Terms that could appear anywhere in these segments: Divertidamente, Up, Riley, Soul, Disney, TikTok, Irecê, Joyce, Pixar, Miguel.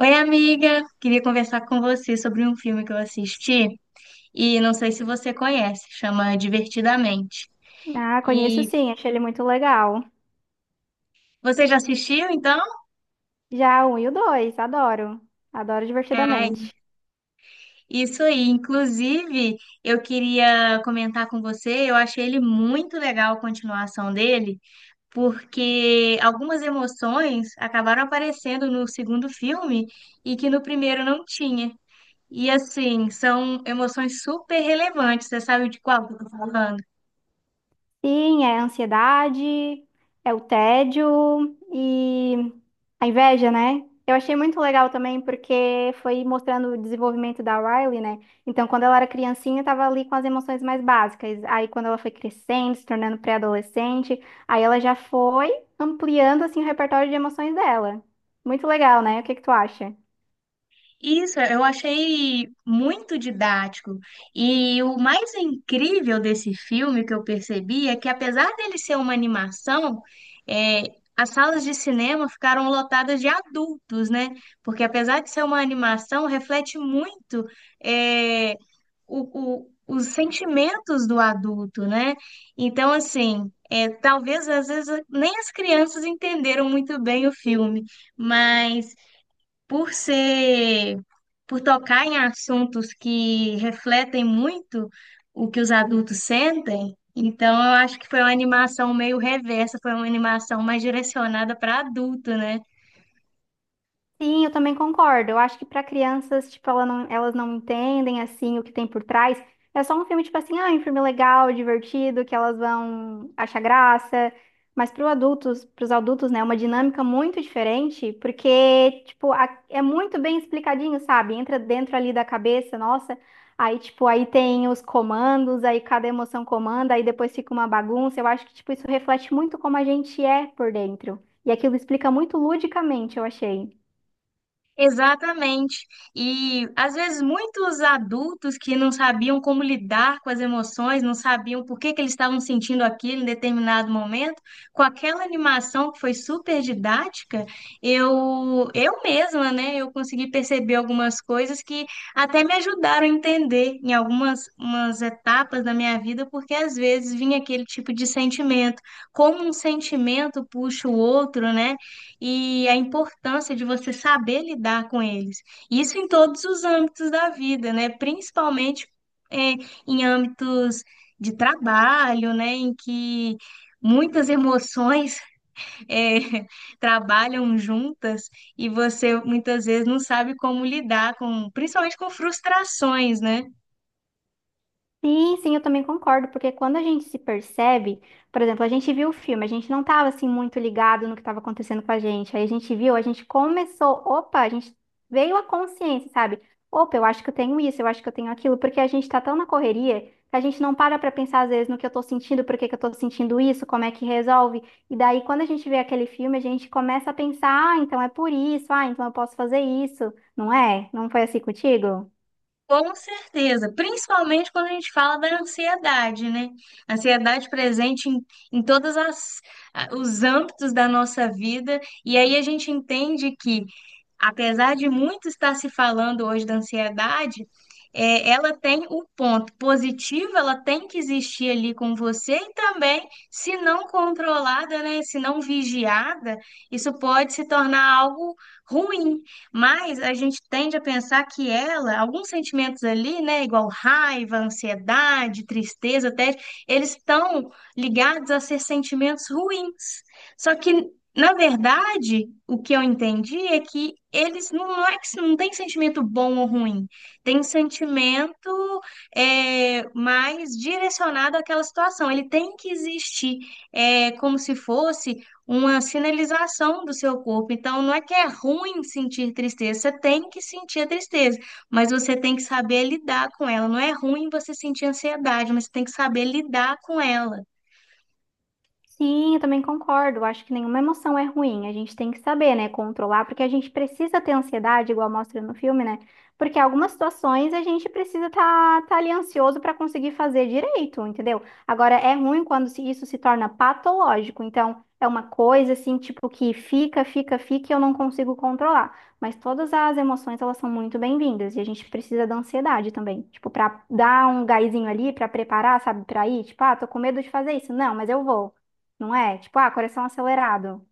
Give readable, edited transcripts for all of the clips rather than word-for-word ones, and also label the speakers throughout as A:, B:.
A: Oi, amiga! Queria conversar com você sobre um filme que eu assisti e não sei se você conhece, chama Divertidamente.
B: Ah, conheço
A: E
B: sim, achei ele muito legal.
A: você já assistiu, então?
B: Já o um e o dois, adoro. Adoro
A: Ai,
B: divertidamente.
A: isso aí. Inclusive, eu queria comentar com você, eu achei ele muito legal a continuação dele, porque algumas emoções acabaram aparecendo no segundo filme e que no primeiro não tinha. E assim, são emoções super relevantes. Você sabe de qual que eu tô falando?
B: Sim, é a ansiedade, é o tédio e a inveja, né? Eu achei muito legal também porque foi mostrando o desenvolvimento da Riley, né? Então, quando ela era criancinha, estava ali com as emoções mais básicas. Aí, quando ela foi crescendo, se tornando pré-adolescente, aí ela já foi ampliando assim o repertório de emoções dela. Muito legal, né? O que que tu acha?
A: Isso, eu achei muito didático. E o mais incrível desse filme que eu percebi é que, apesar dele ser uma animação, é, as salas de cinema ficaram lotadas de adultos, né? Porque, apesar de ser uma animação, reflete muito, é, os sentimentos do adulto, né? Então, assim, é, talvez às vezes nem as crianças entenderam muito bem o filme, mas por ser, por tocar em assuntos que refletem muito o que os adultos sentem, então eu acho que foi uma animação meio reversa, foi uma animação mais direcionada para adulto, né?
B: Sim, eu também concordo. Eu acho que para crianças, tipo, elas não entendem assim o que tem por trás. É só um filme tipo assim, ah, um filme legal, divertido, que elas vão achar graça. Mas para os adultos, né, é uma dinâmica muito diferente, porque tipo, é muito bem explicadinho, sabe? Entra dentro ali da cabeça, nossa. Aí tipo, aí tem os comandos, aí cada emoção comanda, aí depois fica uma bagunça. Eu acho que tipo isso reflete muito como a gente é por dentro. E aquilo explica muito ludicamente, eu achei.
A: Exatamente. E às vezes muitos adultos que não sabiam como lidar com as emoções, não sabiam por que que eles estavam sentindo aquilo em determinado momento, com aquela animação que foi super didática, eu mesma, né, eu consegui perceber algumas coisas que até me ajudaram a entender em algumas umas etapas da minha vida, porque às vezes vinha aquele tipo de sentimento, como um sentimento puxa o outro, né? E a importância de você saber lidar com eles. Isso em todos os âmbitos da vida, né? Principalmente é, em âmbitos de trabalho, né? Em que muitas emoções é, trabalham juntas e você muitas vezes não sabe como lidar com, principalmente com frustrações, né?
B: Sim, sim, eu também concordo, porque quando a gente se percebe, por exemplo, a gente viu o filme, a gente não estava assim muito ligado no que estava acontecendo com a gente. Aí a gente viu, a gente começou, opa, a gente veio a consciência, sabe? Opa, eu acho que eu tenho isso, eu acho que eu tenho aquilo, porque a gente está tão na correria que a gente não para para pensar às vezes no que eu estou sentindo, por que que eu estou sentindo isso, como é que resolve. E daí quando a gente vê aquele filme, a gente começa a pensar, ah, então é por isso, ah, então eu posso fazer isso, não é? Não foi assim contigo?
A: Com certeza, principalmente quando a gente fala da ansiedade, né? Ansiedade presente em todos os âmbitos da nossa vida, e aí a gente entende que, apesar de muito estar se falando hoje da ansiedade, é, ela tem o ponto positivo, ela tem que existir ali com você, e também, se não controlada, né? Se não vigiada, isso pode se tornar algo ruim. Mas a gente tende a pensar que ela, alguns sentimentos ali, né, igual raiva, ansiedade, tristeza, tédio, eles estão ligados a ser sentimentos ruins. Só que, na verdade, o que eu entendi é que eles não, não é que não tem sentimento bom ou ruim, tem sentimento mais direcionado àquela situação. Ele tem que existir, como se fosse uma sinalização do seu corpo. Então, não é que é ruim sentir tristeza, você tem que sentir a tristeza, mas você tem que saber lidar com ela. Não é ruim você sentir ansiedade, mas você tem que saber lidar com ela.
B: Sim, eu também concordo. Eu acho que nenhuma emoção é ruim. A gente tem que saber, né, controlar, porque a gente precisa ter ansiedade, igual mostra no filme, né? Porque algumas situações a gente precisa estar ali ansioso para conseguir fazer direito, entendeu? Agora, é ruim quando isso se torna patológico. Então, é uma coisa assim, tipo, que fica, fica, fica e eu não consigo controlar. Mas todas as emoções, elas são muito bem-vindas e a gente precisa da ansiedade também. Tipo, para dar um gásinho ali, para preparar, sabe, para ir. Tipo, ah, tô com medo de fazer isso. Não, mas eu vou, não é? Tipo, ah, coração acelerado.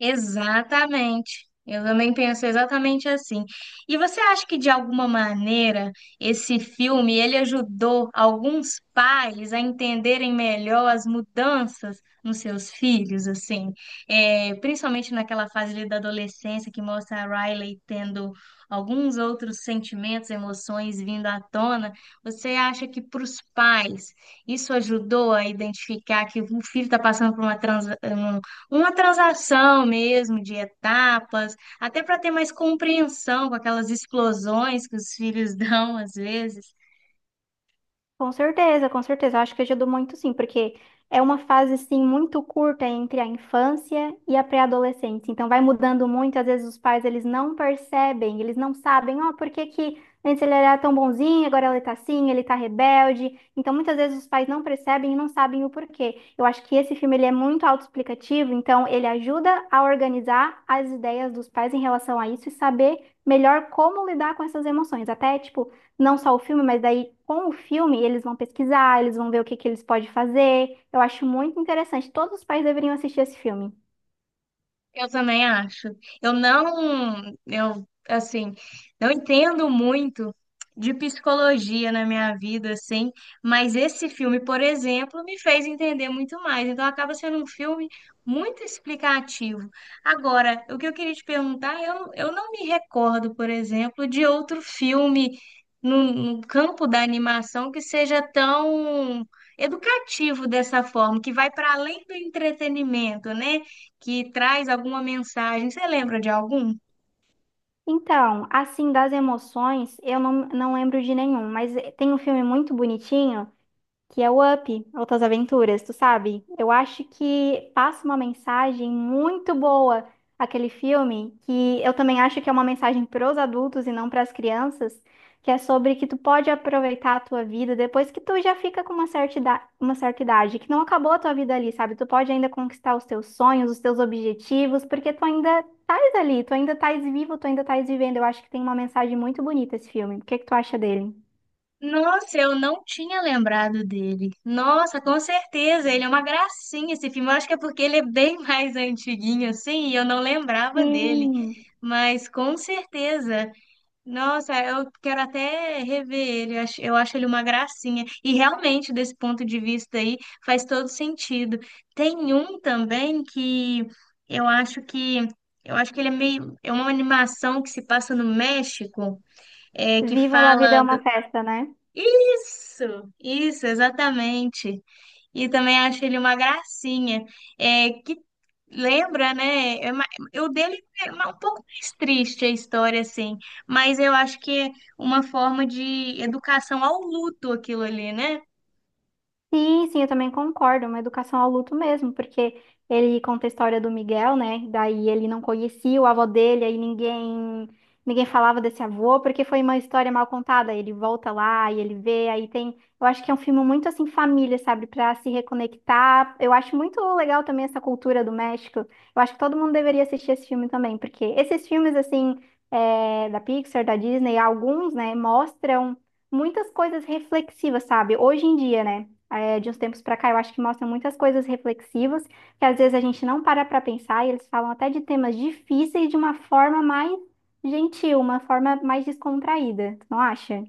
A: Exatamente. Eu também penso exatamente assim. E você acha que de alguma maneira esse filme ele ajudou alguns pais a entenderem melhor as mudanças nos seus filhos, assim, é, principalmente naquela fase ali da adolescência que mostra a Riley tendo alguns outros sentimentos, emoções vindo à tona. Você acha que para os pais isso ajudou a identificar que o filho está passando por uma transação mesmo de etapas, até para ter mais compreensão com aquelas explosões que os filhos dão às vezes.
B: Com certeza, com certeza. Eu acho que ajudou muito sim, porque é uma fase assim muito curta entre a infância e a pré-adolescência. Então vai mudando muito, às vezes os pais eles não percebem, eles não sabem, ó, por que que antes ele era tão bonzinho, agora ele tá assim, ele tá rebelde. Então muitas vezes os pais não percebem e não sabem o porquê. Eu acho que esse filme ele é muito autoexplicativo, então ele ajuda a organizar as ideias dos pais em relação a isso e saber melhor como lidar com essas emoções. Até, tipo, não só o filme, mas daí com o filme eles vão pesquisar, eles vão ver o que que eles podem fazer. Eu acho muito interessante. Todos os pais deveriam assistir esse filme.
A: Eu também acho. Eu não, eu assim, não entendo muito de psicologia na minha vida, assim, mas esse filme, por exemplo, me fez entender muito mais. Então acaba sendo um filme muito explicativo. Agora, o que eu queria te perguntar, eu não me recordo, por exemplo, de outro filme no campo da animação que seja tão educativo dessa forma, que vai para além do entretenimento, né? Que traz alguma mensagem. Você lembra de algum?
B: Então, assim, das emoções, eu não, não lembro de nenhum, mas tem um filme muito bonitinho que é o Up, Outras Aventuras, tu sabe? Eu acho que passa uma mensagem muito boa aquele filme, que eu também acho que é uma mensagem para os adultos e não para as crianças, que é sobre que tu pode aproveitar a tua vida depois que tu já fica com uma certa idade, que não acabou a tua vida ali, sabe? Tu pode ainda conquistar os teus sonhos, os teus objetivos, porque tu ainda estás ali, tu ainda estás vivo, tu ainda estás vivendo. Eu acho que tem uma mensagem muito bonita esse filme. O que que tu acha dele?
A: Nossa, eu não tinha lembrado dele. Nossa, com certeza, ele é uma gracinha esse filme. Eu acho que é porque ele é bem mais antiguinho assim, e eu não lembrava dele.
B: Sim.
A: Mas com certeza. Nossa, eu quero até rever ele. Eu acho ele uma gracinha. E realmente, desse ponto de vista aí, faz todo sentido. Tem um também que eu acho que eu acho que ele é meio é uma animação que se passa no México, é que
B: Viva la vida
A: fala
B: é uma
A: do...
B: festa, né?
A: Isso, isso, exatamente. E também acho ele uma gracinha. É, que lembra, né? O dele é um pouco mais triste a história, assim. Mas eu acho que é uma forma de educação ao luto aquilo ali, né?
B: Sim, sim, eu também concordo. É uma educação ao luto mesmo, porque ele conta a história do Miguel, né? Daí ele não conhecia o avô dele, aí ninguém falava desse avô, porque foi uma história mal contada. Ele volta lá e ele vê, aí tem. Eu acho que é um filme muito assim família, sabe? Pra se reconectar. Eu acho muito legal também essa cultura do México. Eu acho que todo mundo deveria assistir esse filme também, porque esses filmes assim da Pixar, da Disney, alguns, né, mostram muitas coisas reflexivas, sabe? Hoje em dia, né? De uns tempos para cá, eu acho que mostram muitas coisas reflexivas, que às vezes a gente não para para pensar, e eles falam até de temas difíceis de uma forma mais gentil, uma forma mais descontraída, tu não acha?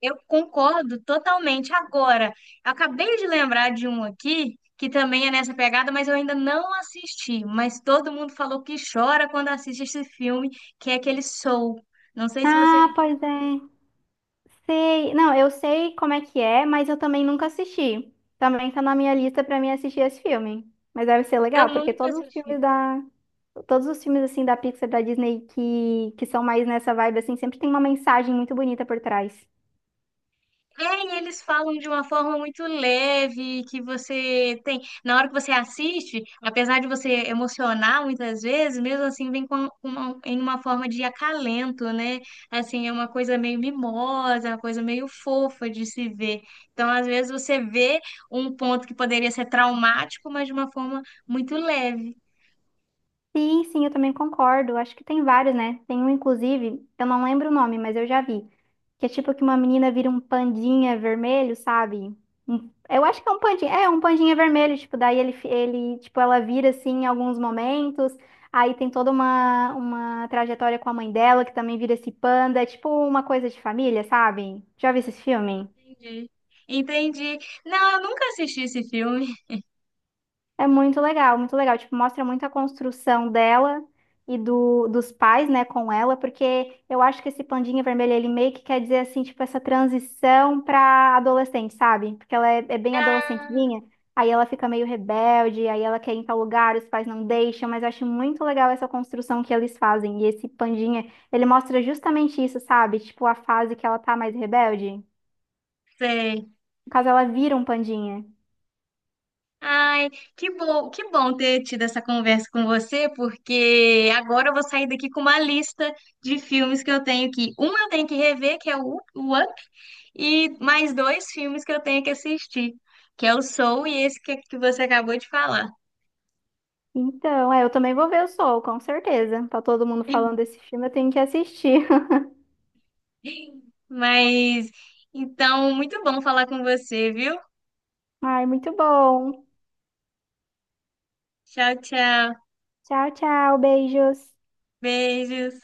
A: Eu concordo totalmente. Agora, eu acabei de lembrar de um aqui que também é nessa pegada, mas eu ainda não assisti. Mas todo mundo falou que chora quando assiste esse filme, que é aquele Soul. Não sei se você já
B: Ah, pois
A: assistiu.
B: é, sei. Não, eu sei como é que é, mas eu também nunca assisti. Também tá na minha lista para mim assistir esse filme. Mas deve ser
A: Eu
B: legal, porque
A: nunca assisti.
B: todos os filmes assim da Pixar, da Disney que são mais nessa vibe assim, sempre tem uma mensagem muito bonita por trás.
A: É, e eles falam de uma forma muito leve, que você tem. Na hora que você assiste, apesar de você emocionar muitas vezes, mesmo assim vem com em uma forma de acalento, né? Assim, é uma coisa meio mimosa, uma coisa meio fofa de se ver. Então, às vezes, você vê um ponto que poderia ser traumático, mas de uma forma muito leve.
B: Sim, sim, eu também concordo. Acho que tem vários, né? Tem um, inclusive, eu não lembro o nome, mas eu já vi. Que é tipo que uma menina vira um pandinha vermelho, sabe? Eu acho que é um pandinha. É, um pandinha vermelho, tipo, daí ele, tipo, ela vira assim em alguns momentos. Aí tem toda uma trajetória com a mãe dela, que também vira esse panda. É tipo uma coisa de família, sabe? Já vi esse filme?
A: Entendi. Entendi. Não, eu nunca assisti esse filme.
B: É muito legal, muito legal. Tipo, mostra muito a construção dela e dos pais, né, com ela, porque eu acho que esse pandinha vermelho, ele meio que quer dizer, assim, tipo, essa transição pra adolescente, sabe? Porque é bem adolescentezinha, aí ela fica meio rebelde, aí ela quer ir em tal lugar, os pais não deixam, mas eu acho muito legal essa construção que eles fazem. E esse pandinha, ele mostra justamente isso, sabe? Tipo, a fase que ela tá mais rebelde.
A: Sei.
B: No caso, ela vira um pandinha.
A: Ai, que bom ter tido essa conversa com você, porque agora eu vou sair daqui com uma lista de filmes que eu tenho que, um eu tenho que rever, que é o o Up, e mais dois filmes que eu tenho que assistir, que é o Soul e esse que você acabou de falar.
B: Então, é, eu também vou ver o Soul, com certeza. Tá todo mundo falando desse filme, eu tenho que assistir.
A: Mas então, muito bom falar com você, viu?
B: Ai, muito bom.
A: Tchau, tchau.
B: Tchau, tchau, beijos.
A: Beijos.